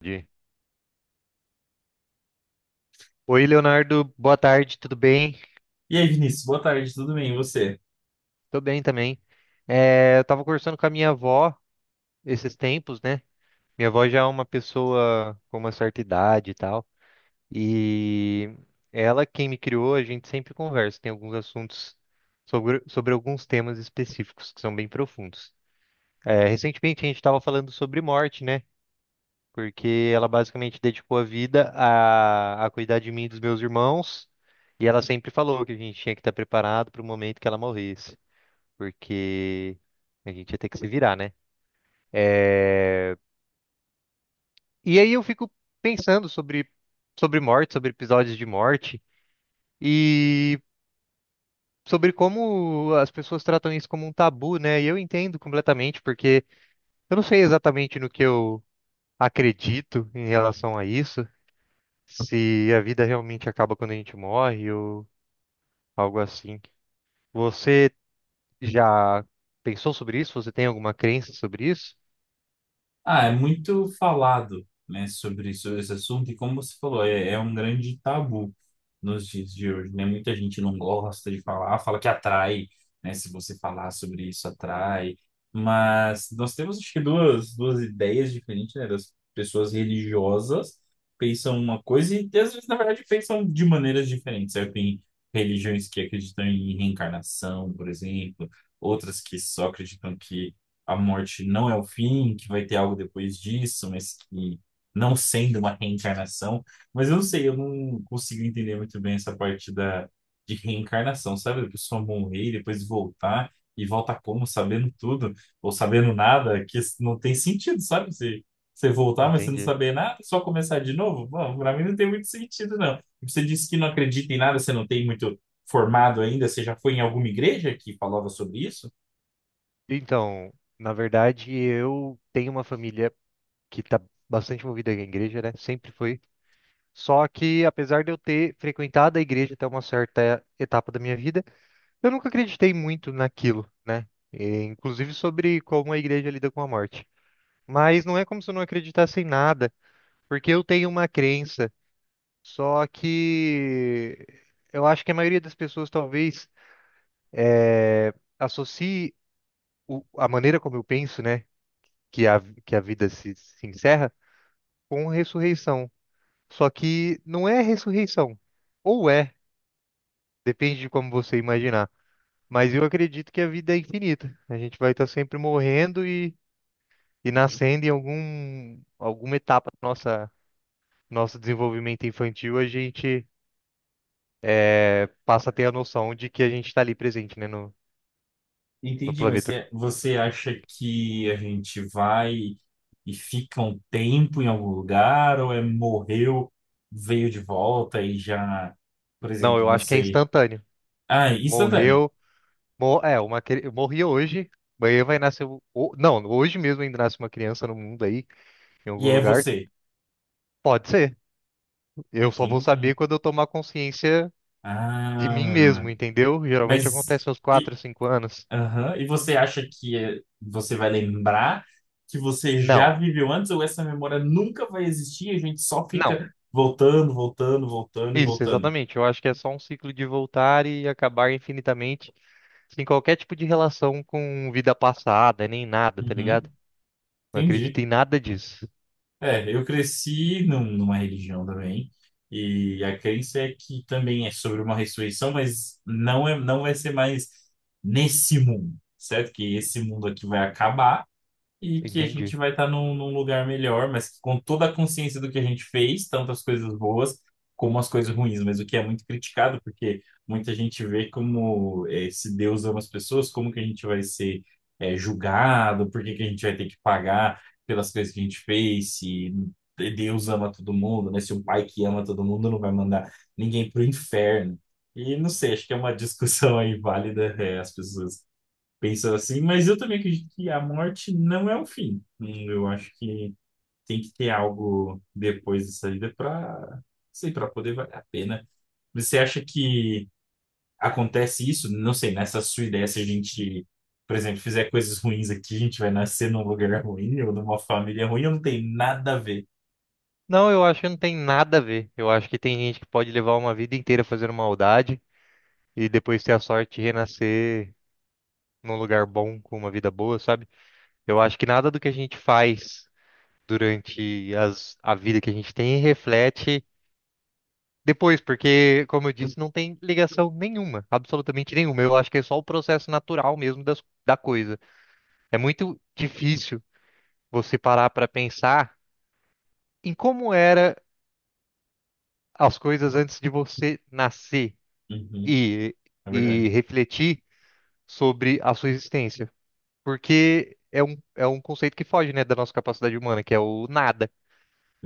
Entendi. Oi, Leonardo, boa tarde, tudo bem? E aí, Vinícius, boa tarde, tudo bem? E você? Tô bem também. Eu tava conversando com a minha avó esses tempos, né? Minha avó já é uma pessoa com uma certa idade e tal, e ela, quem me criou, a gente sempre conversa, tem alguns assuntos sobre alguns temas específicos que são bem profundos. Recentemente a gente tava falando sobre morte, né? Porque ela basicamente dedicou a vida a cuidar de mim e dos meus irmãos, e ela sempre falou que a gente tinha que estar preparado para o momento que ela morresse, porque a gente ia ter que se virar, né? É, E aí eu fico pensando sobre morte, sobre episódios de morte, e sobre como as pessoas tratam isso como um tabu, né? E eu entendo completamente, porque eu não sei exatamente no que eu acredito em relação a isso. Se a vida realmente acaba quando a gente morre ou algo assim. Você já pensou sobre isso? Você tem alguma crença sobre isso? Ah, é muito falado, né, sobre esse assunto, e como você falou, é um grande tabu nos dias de hoje, né? Muita gente não gosta de falar, fala que atrai, né? Se você falar sobre isso, atrai. Mas nós temos, acho que, duas ideias diferentes, né? Das pessoas religiosas pensam uma coisa e, às vezes, na verdade, pensam de maneiras diferentes, certo? Tem religiões que acreditam em reencarnação, por exemplo, outras que só acreditam que a morte não é o fim, que vai ter algo depois disso, mas que não sendo uma reencarnação. Mas eu não sei, eu não consigo entender muito bem essa parte da, de reencarnação, sabe? A pessoa morrer e depois voltar, e volta como? Sabendo tudo, ou sabendo nada, que isso não tem sentido, sabe? Você voltar, mas você não Entendi. saber nada, só começar de novo? Bom, pra mim não tem muito sentido, não. E você disse que não acredita em nada, você não tem muito formado ainda, você já foi em alguma igreja que falava sobre isso? Então, na verdade, eu tenho uma família que está bastante movida à igreja, né? Sempre foi. Só que, apesar de eu ter frequentado a igreja até uma certa etapa da minha vida, eu nunca acreditei muito naquilo, né? E inclusive sobre como a igreja lida com a morte. Mas não é como se eu não acreditasse em nada, porque eu tenho uma crença. Só que eu acho que a maioria das pessoas talvez associe a maneira como eu penso, né, que a vida se encerra com ressurreição. Só que não é ressurreição. Ou é, depende de como você imaginar. Mas eu acredito que a vida é infinita. A gente vai estar sempre morrendo e nascendo em alguma etapa do nossa, nosso desenvolvimento infantil. A gente passa a ter a noção de que a gente está ali presente, né, no Entendi, mas planeta. você acha que a gente vai e fica um tempo em algum lugar, ou é morreu, veio de volta e já, por Não, exemplo, eu não acho que é sei. instantâneo. Ah, instantânea. Morreu. Morri hoje. Amanhã vai nascer. Não, hoje mesmo ainda nasce uma criança no mundo aí, em E algum é lugar. você. Pode ser. Eu só vou Entendi. saber quando eu tomar consciência de mim Ah, mesmo, entendeu? Geralmente mas. acontece aos E, 4, 5 anos. aham, e você acha que você vai lembrar que você já Não, viveu antes, ou essa memória nunca vai existir e a gente só não. fica voltando, voltando, voltando e Isso, voltando? exatamente. Eu acho que é só um ciclo de voltar e acabar infinitamente, sem qualquer tipo de relação com vida passada, nem nada, tá ligado? Uhum, Não acredito entendi. em nada disso. É, eu cresci numa religião também, e a crença é que também é sobre uma ressurreição, mas não é, não vai ser mais nesse mundo, certo? Que esse mundo aqui vai acabar e que a gente Entendi. vai estar num, num lugar melhor, mas com toda a consciência do que a gente fez, tanto as coisas boas como as coisas ruins, mas o que é muito criticado, porque muita gente vê como se Deus ama as pessoas, como que a gente vai ser julgado, por que que a gente vai ter que pagar pelas coisas que a gente fez, se Deus ama todo mundo, né? Se o pai que ama todo mundo não vai mandar ninguém pro inferno. E não sei, acho que é uma discussão aí válida, as pessoas pensando assim, mas eu também acredito que a morte não é o fim. Eu acho que tem que ter algo depois dessa vida para, sei, para poder valer a pena. Você acha que acontece isso? Não sei, nessa sua ideia, se a gente, por exemplo, fizer coisas ruins aqui, a gente vai nascer num lugar ruim ou numa família ruim, ou não tem nada a ver. Não, eu acho que não tem nada a ver. Eu acho que tem gente que pode levar uma vida inteira fazendo maldade e depois ter a sorte de renascer num lugar bom, com uma vida boa, sabe? Eu acho que nada do que a gente faz durante a vida que a gente tem reflete depois, porque, como eu disse, não tem ligação nenhuma, absolutamente nenhuma. Eu acho que é só o processo natural mesmo da coisa. É muito difícil você parar para pensar em como era as coisas antes de você nascer Uhum, e, é e verdade. refletir sobre a sua existência. Porque é é um conceito que foge, né, da nossa capacidade humana, que é o nada.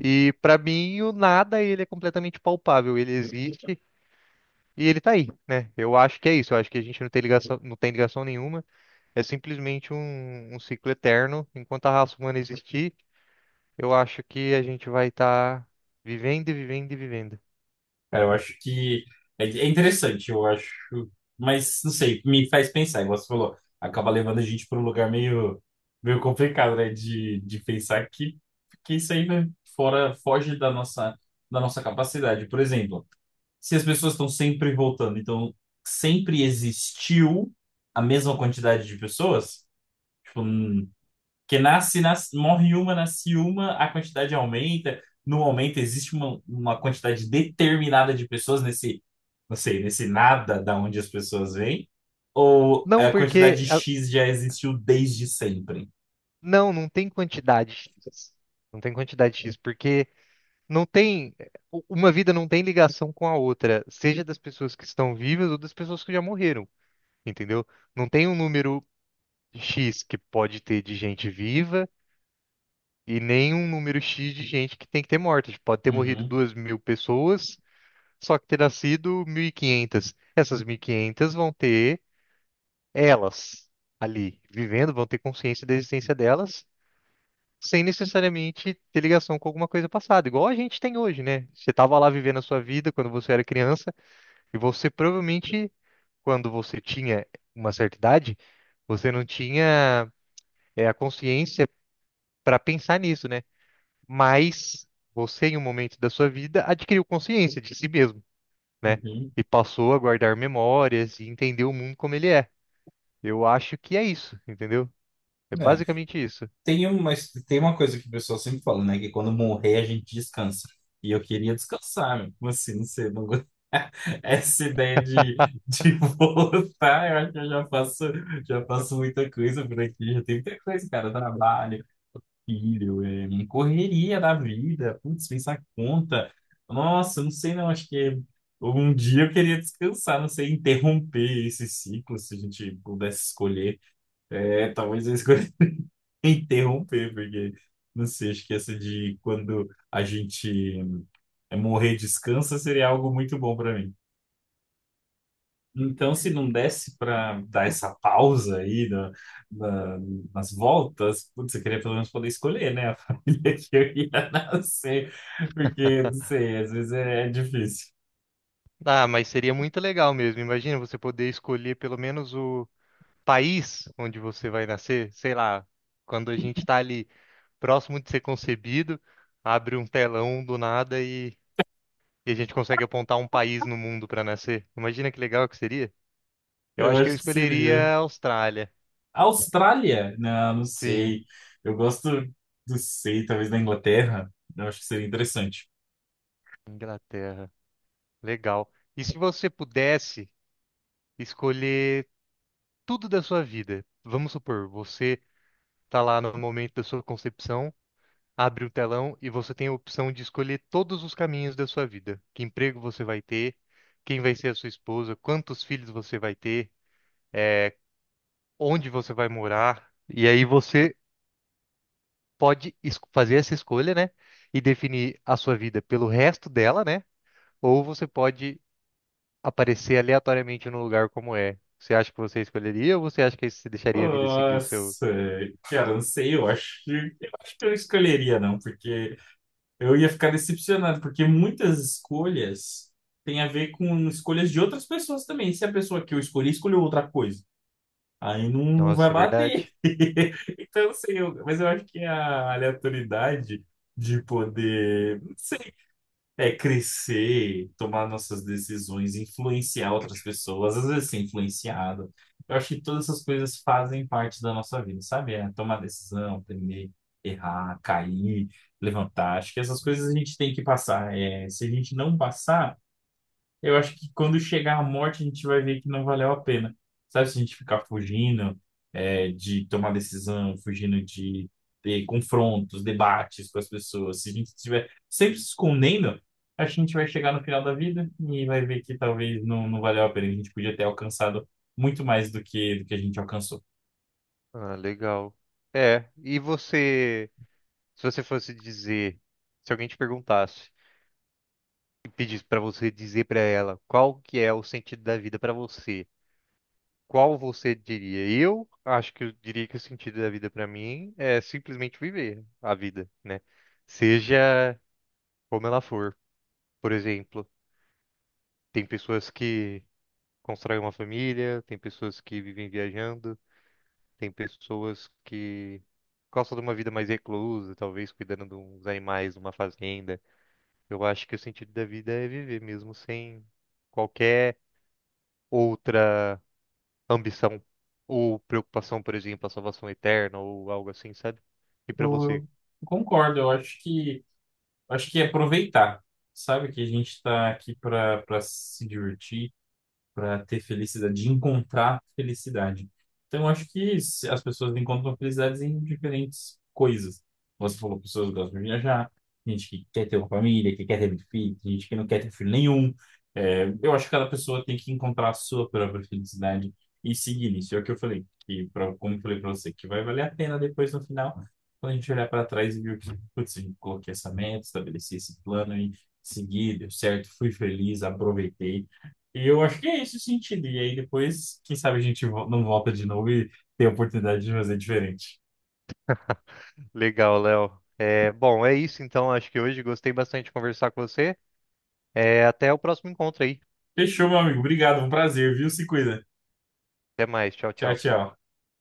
E para mim, o nada, ele é completamente palpável, ele existe e ele tá aí, né? Eu acho que é isso, eu acho que a gente não tem ligação, não tem ligação nenhuma, é simplesmente um ciclo eterno. Enquanto a raça humana existir, eu acho que a gente vai estar vivendo e vivendo e vivendo. Cara, eu acho que é interessante, eu acho. Mas, não sei, me faz pensar, igual você falou, acaba levando a gente para um lugar meio, meio complicado, né? De pensar que isso aí vai fora, foge da nossa capacidade. Por exemplo, se as pessoas estão sempre voltando, então sempre existiu a mesma quantidade de pessoas, tipo, que nasce, nasce, morre uma, nasce uma, a quantidade aumenta. No aumento, existe uma quantidade determinada de pessoas nesse, não sei, nesse nada da onde as pessoas vêm. Ou Não, a quantidade porque... a- X já existiu desde sempre? Não, não tem quantidade. X. Não tem quantidade X, porque não tem, uma vida não tem ligação com a outra, seja das pessoas que estão vivas ou das pessoas que já morreram, entendeu? Não tem um número X que pode ter de gente viva e nem um número X de gente que tem que ter morta. Tipo, pode ter morrido Uhum, 2.000 pessoas, só que ter nascido 1.500. Essas 1.500 vão ter elas ali vivendo, vão ter consciência da existência delas. Sem necessariamente ter ligação com alguma coisa passada, igual a gente tem hoje, né? Você estava lá vivendo a sua vida quando você era criança, e você provavelmente, quando você tinha uma certa idade, você não tinha a consciência para pensar nisso, né? Mas você, em um momento da sua vida, adquiriu consciência de si mesmo, né? uhum. E passou a guardar memórias e entender o mundo como ele é. Eu acho que é isso, entendeu? É É. basicamente isso. Tem uma, tem uma coisa que o pessoal sempre fala, né? Que quando morrer a gente descansa. E eu queria descansar, meu. Como assim? Não sei. Não... go- Essa ideia de voltar, eu acho que eu já faço muita coisa por aqui. Já tem muita coisa, cara. Trabalho, filho, é, correria da vida. Putz, pensar conta. Nossa, não sei não. Acho que um dia eu queria descansar. Não sei, interromper esse ciclo, se a gente pudesse escolher. É, talvez eu escolha interromper, porque não sei, acho que essa de quando a gente é, morrer descansa seria algo muito bom para mim. Então, se não desse para dar essa pausa aí na- nas voltas, putz, eu queria pelo menos poder escolher, né, a família que eu ia nascer, porque, não sei, às vezes é difícil. Ah, mas seria muito legal mesmo. Imagina você poder escolher pelo menos o país onde você vai nascer, sei lá, quando a gente tá ali, próximo de ser concebido, abre um telão do nada e a gente consegue apontar um país no mundo para nascer. Imagina que legal que seria. Eu Eu acho que eu acho que seria. escolheria a Austrália. Austrália? Não, não Sim. sei. Eu gosto, não sei, talvez da Inglaterra. Eu acho que seria interessante. Inglaterra. Legal. E se você pudesse escolher tudo da sua vida? Vamos supor, você está lá no momento da sua concepção, abre o telão e você tem a opção de escolher todos os caminhos da sua vida. Que emprego você vai ter? Quem vai ser a sua esposa? Quantos filhos você vai ter? eh, Onde você vai morar. E aí você fazer essa escolha, né? E definir a sua vida pelo resto dela, né? Ou você pode aparecer aleatoriamente no lugar como é. Você acha que você escolheria ou você acha que você deixaria a vida seguir o seu? Nossa, cara, não sei, eu acho que eu não escolheria, não, porque eu ia ficar decepcionado, porque muitas escolhas têm a ver com escolhas de outras pessoas também. Se a pessoa que eu escolhi escolheu outra coisa, aí não, não vai Nossa, bater. verdade? Então, eu não sei, mas eu acho que a aleatoriedade de poder, não sei. É crescer, tomar nossas decisões, influenciar outras pessoas, às vezes ser influenciado. Eu acho que todas essas coisas fazem parte da nossa vida, sabe? É tomar decisão, aprender, errar, cair, levantar. Acho que essas coisas a gente tem que passar. É, se a gente não passar, eu acho que quando chegar a morte, a gente vai ver que não valeu a pena. Sabe, se a gente ficar fugindo, é, de tomar decisão, fugindo de ter confrontos, debates com as pessoas, se a gente estiver sempre se escondendo, acho que a gente vai chegar no final da vida e vai ver que talvez não, não valeu a pena. A gente podia ter alcançado muito mais do que a gente alcançou. Ah, legal. E você, se você fosse dizer, se alguém te perguntasse e pedisse pra você dizer pra ela qual que é o sentido da vida pra você, qual você diria? Eu acho que eu diria que o sentido da vida pra mim é simplesmente viver a vida, né? Seja como ela for. Por exemplo, tem pessoas que constroem uma família, tem pessoas que vivem viajando, tem pessoas que gostam de uma vida mais reclusa, talvez cuidando de uns animais numa fazenda. Eu acho que o sentido da vida é viver mesmo sem qualquer outra ambição ou preocupação, por exemplo, a salvação eterna ou algo assim, sabe? E Eu, pra você? eu concordo, eu acho que é aproveitar. Sabe que a gente está aqui para para se divertir para ter felicidade, de encontrar felicidade. Então, eu acho que as pessoas encontram felicidades em diferentes coisas. Você falou, pessoas que gostam de viajar, gente que quer ter uma família, que quer ter muito filho, tem gente que não quer ter filho nenhum. É, eu acho que cada pessoa tem que encontrar a sua própria felicidade e seguir nisso. É o que eu falei, que pra, como eu falei para você, que vai valer a pena depois no final, quando a gente olhar para trás e ver que, putz, eu coloquei essa meta, estabeleci esse plano e segui, deu certo, fui feliz, aproveitei. E eu acho que é esse o sentido. E aí depois, quem sabe a gente não volta de novo e tem a oportunidade de fazer diferente. Legal, Léo. É, bom, é isso então. Acho que hoje gostei bastante de conversar com você. É, até o próximo encontro aí. Fechou, meu amigo. Obrigado, foi um prazer, viu? Se cuida. Até mais. Tchau, Tchau, tchau. tchau.